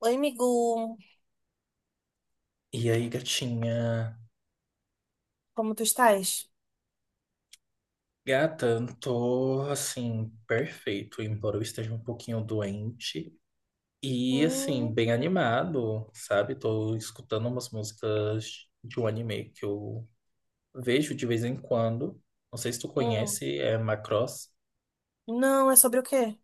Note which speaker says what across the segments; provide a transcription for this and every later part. Speaker 1: Oi, amigo.
Speaker 2: E aí, gatinha?
Speaker 1: Como tu estás?
Speaker 2: Gata, tô assim, perfeito, embora eu esteja um pouquinho doente. E assim,
Speaker 1: Hum,
Speaker 2: bem animado, sabe? Tô escutando umas músicas de um anime que eu vejo de vez em quando. Não sei se tu
Speaker 1: hum.
Speaker 2: conhece, é Macross.
Speaker 1: Não, é sobre o quê?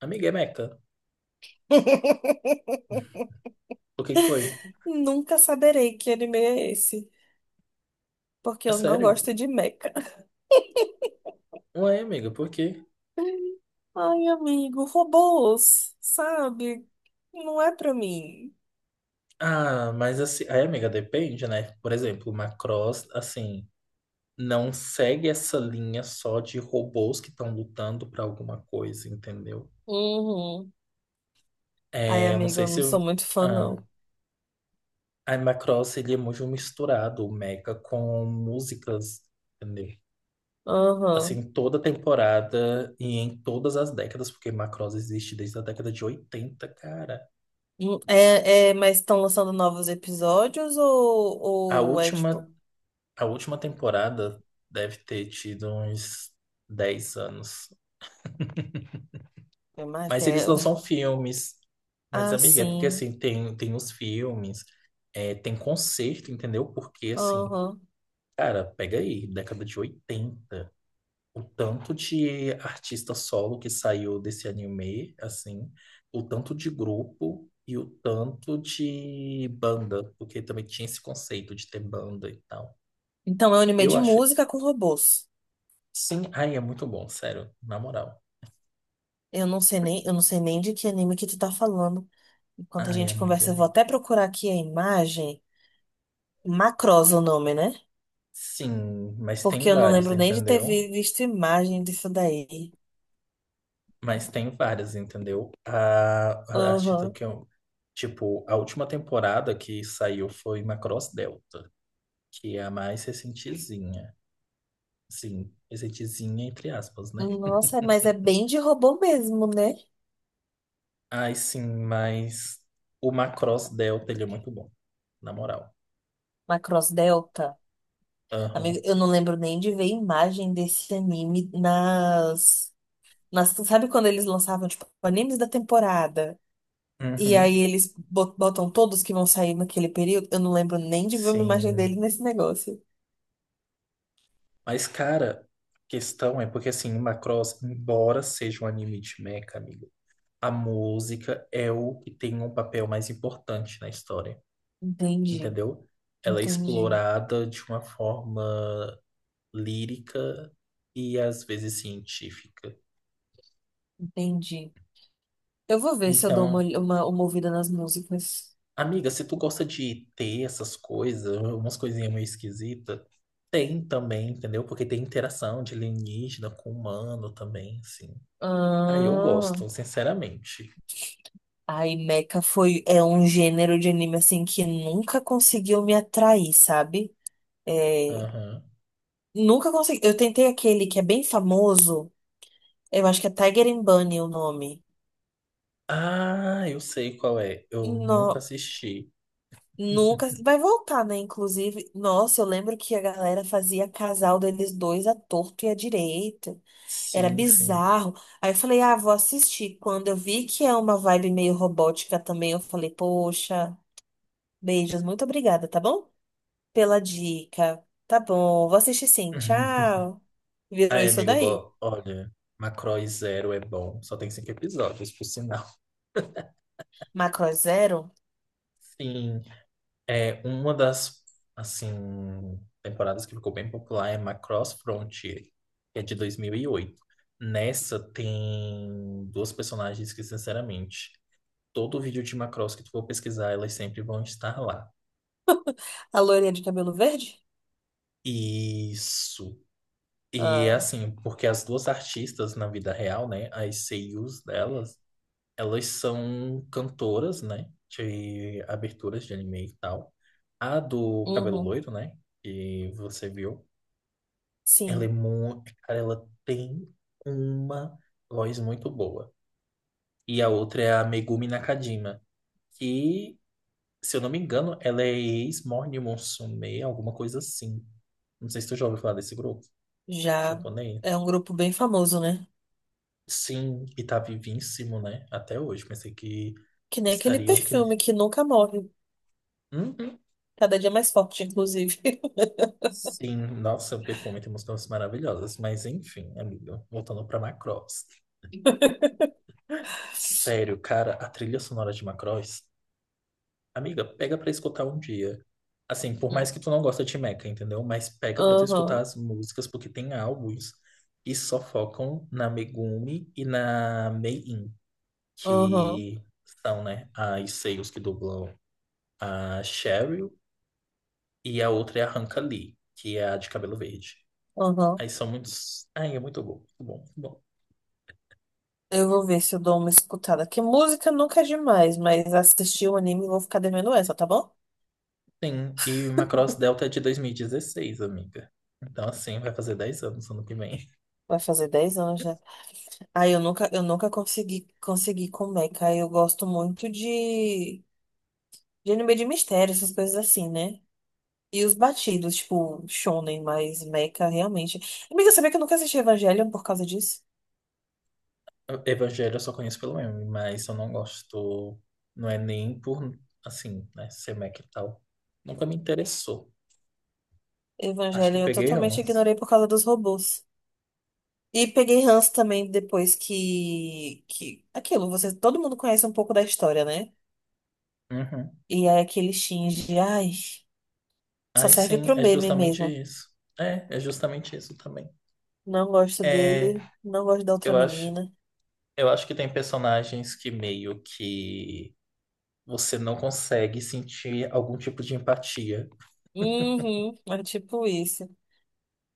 Speaker 2: Amiga, é Mecha. O que que foi?
Speaker 1: Nunca saberei que anime é esse, porque
Speaker 2: É
Speaker 1: eu não
Speaker 2: sério?
Speaker 1: gosto de mecha.
Speaker 2: Ué, amiga, por quê?
Speaker 1: Ai, amigo, robôs, sabe? Não é pra mim.
Speaker 2: Ah, mas assim, aí, amiga, depende, né? Por exemplo, Macross, assim, não segue essa linha só de robôs que estão lutando para alguma coisa, entendeu?
Speaker 1: Uhum. Ai,
Speaker 2: É, eu não
Speaker 1: amigo,
Speaker 2: sei
Speaker 1: eu não
Speaker 2: se
Speaker 1: sou
Speaker 2: o-
Speaker 1: muito fã,
Speaker 2: ah,
Speaker 1: não.
Speaker 2: Animal Crossing ele é muito misturado, o Mecha, com músicas, entendeu?
Speaker 1: Aham.
Speaker 2: Em toda temporada e em todas as décadas, porque Macross existe desde a década de oitenta, cara.
Speaker 1: É, mas estão lançando novos episódios ou,
Speaker 2: A
Speaker 1: ou é tipo.
Speaker 2: última, a última temporada deve ter tido uns 10 anos.
Speaker 1: É mais
Speaker 2: Mas eles
Speaker 1: até.
Speaker 2: lançam filmes. Mas,
Speaker 1: Ah,
Speaker 2: amiga, é porque
Speaker 1: sim.
Speaker 2: assim, tem os filmes, é, tem concerto, entendeu? Porque assim,
Speaker 1: Aham.
Speaker 2: cara, pega aí, década de oitenta, o tanto de artista solo que saiu desse anime, assim, o tanto de grupo e o tanto de banda, porque também tinha esse conceito de ter banda e tal.
Speaker 1: Então, é um anime
Speaker 2: Eu
Speaker 1: de
Speaker 2: acho,
Speaker 1: música com robôs.
Speaker 2: sim, ai, é muito bom, sério, na moral.
Speaker 1: Eu não sei nem de que anime que tu tá falando. Enquanto a
Speaker 2: Ai, é
Speaker 1: gente
Speaker 2: muito.
Speaker 1: conversa, eu vou até procurar aqui a imagem. Macross o nome, né?
Speaker 2: Sim, mas tem
Speaker 1: Porque eu não
Speaker 2: vários,
Speaker 1: lembro nem de ter
Speaker 2: entendeu?
Speaker 1: visto imagem disso daí.
Speaker 2: Mas tem várias, entendeu? A artista
Speaker 1: Aham.
Speaker 2: que eu. Tipo, a última temporada que saiu foi Macross Delta, que é a mais recentezinha. Sim, recentezinha, entre aspas, né?
Speaker 1: Nossa, mas é bem de robô mesmo, né?
Speaker 2: Ai, sim, mas o Macross Delta, ele é muito bom, na moral.
Speaker 1: Macross Delta. Amigo,
Speaker 2: Aham.
Speaker 1: eu não lembro nem de ver imagem desse anime Sabe quando eles lançavam, tipo, animes da temporada? E aí
Speaker 2: Uhum,
Speaker 1: eles botam todos que vão sair naquele período. Eu não lembro nem de ver uma imagem
Speaker 2: sim.
Speaker 1: dele nesse negócio.
Speaker 2: Mas, cara, a questão é porque, assim, o Macross, embora seja um anime de mecha, amigo, a música é o que tem um papel mais importante na história,
Speaker 1: Entendi,
Speaker 2: entendeu? Ela é
Speaker 1: entendi,
Speaker 2: explorada de uma forma lírica e às vezes científica.
Speaker 1: entendi. Eu vou ver se eu dou uma,
Speaker 2: Então,
Speaker 1: olh- uma, uma ouvida nas músicas.
Speaker 2: amiga, se tu gosta de ter essas coisas, umas coisinhas meio esquisitas, tem também, entendeu? Porque tem interação de alienígena com humano também, assim. Ah, eu
Speaker 1: Ah,
Speaker 2: gosto, sinceramente.
Speaker 1: aí Mecha é um gênero de anime assim que nunca conseguiu me atrair, sabe? É,
Speaker 2: Aham.
Speaker 1: nunca consegui. Eu tentei aquele que é bem famoso, eu acho que é Tiger and Bunny o nome.
Speaker 2: Ah, eu sei qual é. Eu nunca assisti.
Speaker 1: Nunca vai voltar, né? Inclusive, nossa, eu lembro que a galera fazia casal deles dois à torto e à direita. Era
Speaker 2: Sim, sim.
Speaker 1: bizarro. Aí eu falei, ah, vou assistir. Quando eu vi que é uma vibe meio robótica também, eu falei, poxa, beijos, muito obrigada, tá bom? Pela dica. Tá bom, vou assistir sim, tchau. Virou
Speaker 2: Ai,
Speaker 1: isso
Speaker 2: amigo,
Speaker 1: daí.
Speaker 2: Macross Zero é bom. Só tem cinco episódios, por sinal.
Speaker 1: Macro é Zero?
Speaker 2: Sim, é uma das, assim, temporadas que ficou bem popular é Macross Frontier, que é de 2008. Nessa tem duas personagens que, sinceramente, todo vídeo de Macross que tu for pesquisar, elas sempre vão estar lá.
Speaker 1: A loirinha de cabelo verde?
Speaker 2: Isso. E é
Speaker 1: Ah,
Speaker 2: assim, porque as duas artistas na vida real, né, as seiyus delas, elas são cantoras, né? De aberturas de anime e tal. A do cabelo
Speaker 1: uhum,
Speaker 2: loiro, né? Que você viu. Ela é
Speaker 1: sim,
Speaker 2: muito. Cara, ela tem uma voz muito boa. E a outra é a Megumi Nakajima. Que, se eu não me engano, ela é ex-Morning Musume, alguma coisa assim. Não sei se tu já ouviu falar desse grupo
Speaker 1: já.
Speaker 2: japonês.
Speaker 1: É um grupo bem famoso, né?
Speaker 2: Sim, e tá vivíssimo, né? Até hoje. Pensei que
Speaker 1: Que nem aquele
Speaker 2: estariam.
Speaker 1: perfume que nunca morre.
Speaker 2: Uhum.
Speaker 1: Cada dia mais forte, inclusive.
Speaker 2: Sim, nossa, o perfume tem músicas maravilhosas, mas enfim, amiga, voltando pra Macross. Sério, cara, a trilha sonora de Macross, amiga, pega pra escutar um dia. Assim, por mais
Speaker 1: Hum.
Speaker 2: que tu não gosta de Mecha, entendeu? Mas pega pra tu escutar
Speaker 1: Aham,
Speaker 2: as músicas, porque tem álbuns que só focam na Megumi e na Mei-In,
Speaker 1: aham,
Speaker 2: que são, né, as seios que dublam a Cheryl, e a outra é a Hanka Lee, que é a de cabelo verde.
Speaker 1: aham.
Speaker 2: Aí são muitos. Ai, é muito bom, muito bom, muito bom.
Speaker 1: Eu vou ver se eu dou uma escutada. Que música nunca é demais, mas assistir o anime eu vou ficar devendo essa, tá bom?
Speaker 2: Sim, e o Macross Delta é de 2016, amiga. Então, assim, vai fazer 10 anos ano que vem.
Speaker 1: Vai fazer 10 anos já. Ah, eu nunca consegui com Mecha. Eu gosto muito de anime de mistério, essas coisas assim, né? E os batidos, tipo, shonen, mas Mecha realmente. Amiga, sabia que eu nunca assisti Evangelion por causa disso?
Speaker 2: Evangelho eu só conheço pelo meme, mas eu não gosto. Não é nem por, assim, né, ser Mac e tal. Nunca me interessou. Acho
Speaker 1: Evangelion
Speaker 2: que
Speaker 1: eu
Speaker 2: peguei
Speaker 1: totalmente
Speaker 2: uns.
Speaker 1: ignorei por causa dos robôs. E peguei ranço também Aquilo, você, todo mundo conhece um pouco da história, né?
Speaker 2: Uhum.
Speaker 1: E aí aquele Shinji, ai, só
Speaker 2: Aí
Speaker 1: serve
Speaker 2: sim,
Speaker 1: pro
Speaker 2: é
Speaker 1: meme
Speaker 2: justamente
Speaker 1: mesmo.
Speaker 2: isso. É, é justamente isso também.
Speaker 1: Não gosto
Speaker 2: É,
Speaker 1: dele, não gosto da outra
Speaker 2: eu acho,
Speaker 1: menina.
Speaker 2: eu acho que tem personagens que meio que você não consegue sentir algum tipo de empatia.
Speaker 1: Uhum, é tipo isso.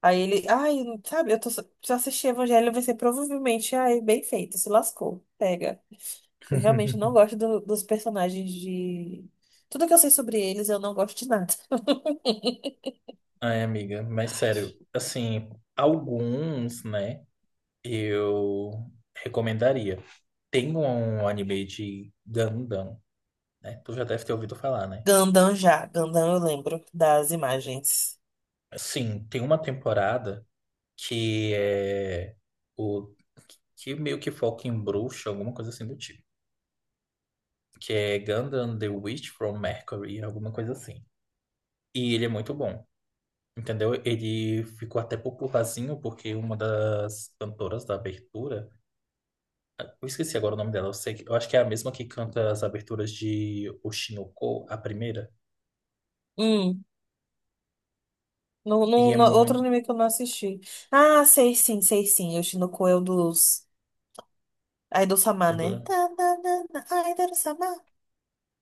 Speaker 1: Aí ele, ai, sabe, se eu assistir Evangelho, vai ser provavelmente, ai, bem feito, se lascou, pega. Eu realmente não gosto dos personagens de... Tudo que eu sei sobre eles, eu não gosto de nada.
Speaker 2: Ai, amiga, mas sério, assim, alguns, né, eu recomendaria. Tem um anime de Gundam, né? Tu já deve ter ouvido falar, né?
Speaker 1: Gandam já, Gandam eu lembro das imagens.
Speaker 2: Sim, tem uma temporada que é o que meio que foca em bruxa, alguma coisa assim do tipo, que é Gundam The Witch from Mercury, alguma coisa assim. E ele é muito bom, entendeu? Ele ficou até popularzinho porque uma das cantoras da abertura, eu esqueci agora o nome dela. Eu sei que, eu acho que é a mesma que canta as aberturas de Oshinoko, a primeira.
Speaker 1: Hum, no,
Speaker 2: E
Speaker 1: no,
Speaker 2: é
Speaker 1: no- outro
Speaker 2: muito.
Speaker 1: anime que eu não assisti. Ah, sei sim, sei sim. Yoshinoko é o dos Aido-sama, né? Tá, tá, tá, tá, Aido-sama.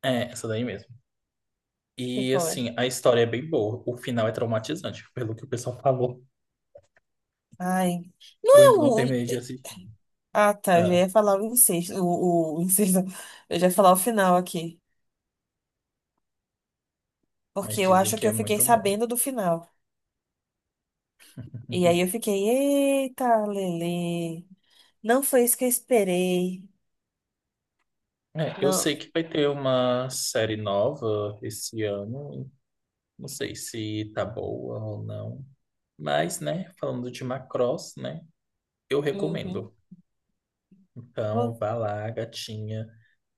Speaker 2: É, essa daí mesmo.
Speaker 1: Sei
Speaker 2: E
Speaker 1: qual é.
Speaker 2: assim, a história é bem boa. O final é traumatizante, pelo que o pessoal falou.
Speaker 1: Ai.
Speaker 2: Eu ainda não
Speaker 1: Não,
Speaker 2: terminei.
Speaker 1: ah, tá. Eu já
Speaker 2: Ah,
Speaker 1: ia falar o incesto. O incesto. Eu já ia falar o final aqui.
Speaker 2: mas
Speaker 1: Porque eu
Speaker 2: dizem
Speaker 1: acho
Speaker 2: que
Speaker 1: que
Speaker 2: é
Speaker 1: eu fiquei
Speaker 2: muito bom.
Speaker 1: sabendo do final. E aí eu fiquei, eita, Lele. Não foi isso que eu esperei.
Speaker 2: É, eu
Speaker 1: Não.
Speaker 2: sei que vai ter uma série nova esse ano. Não sei se tá boa ou não. Mas, né, falando de Macross, né, eu
Speaker 1: Uhum.
Speaker 2: recomendo. Então,
Speaker 1: Vou,
Speaker 2: vá lá, gatinha.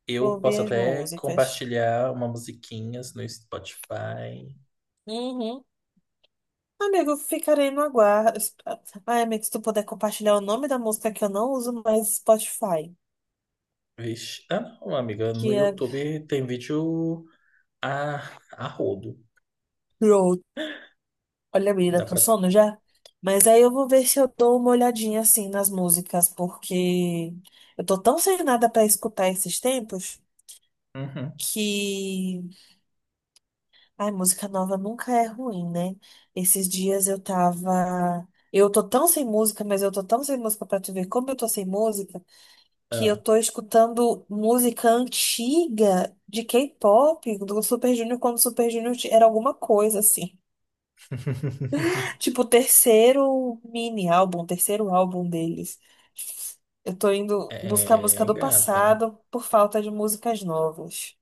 Speaker 2: Eu
Speaker 1: vou
Speaker 2: posso
Speaker 1: ver as
Speaker 2: até
Speaker 1: músicas.
Speaker 2: compartilhar uma musiquinhas no Spotify.
Speaker 1: Uhum. Amigo, ficarei no aguardo. Ai, amigo, se tu puder compartilhar o nome da música, que eu não uso mais Spotify,
Speaker 2: Vixe. Ah, não, amiga. No
Speaker 1: que é
Speaker 2: YouTube tem vídeo a, a rodo.
Speaker 1: Road. Olha, menina,
Speaker 2: Dá
Speaker 1: tá com
Speaker 2: pra.
Speaker 1: sono já? Mas aí eu vou ver se eu dou uma olhadinha assim nas músicas, porque eu tô tão sem nada pra escutar esses tempos
Speaker 2: Uhum.
Speaker 1: que. Ai, música nova nunca é ruim, né? Esses dias eu tava. Eu tô tão sem música, mas eu tô tão sem música pra tu ver como eu tô sem música. Que eu
Speaker 2: Ah.
Speaker 1: tô escutando música antiga de K-pop, do Super Junior, quando o Super Junior era alguma coisa assim. Tipo, o terceiro mini álbum, o terceiro álbum deles. Eu tô indo buscar música
Speaker 2: É,
Speaker 1: do passado por falta de músicas novas.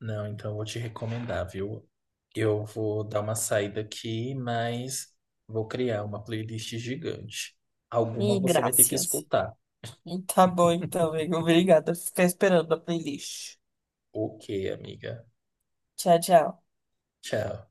Speaker 2: não, então eu vou te recomendar, viu? Eu vou dar uma saída aqui, mas vou criar uma playlist gigante. Alguma
Speaker 1: E
Speaker 2: você vai ter que
Speaker 1: graças.
Speaker 2: escutar.
Speaker 1: Tá bom então, amigo. Obrigada. Ficar esperando a playlist.
Speaker 2: Ok, amiga.
Speaker 1: Tchau, tchau.
Speaker 2: Tchau.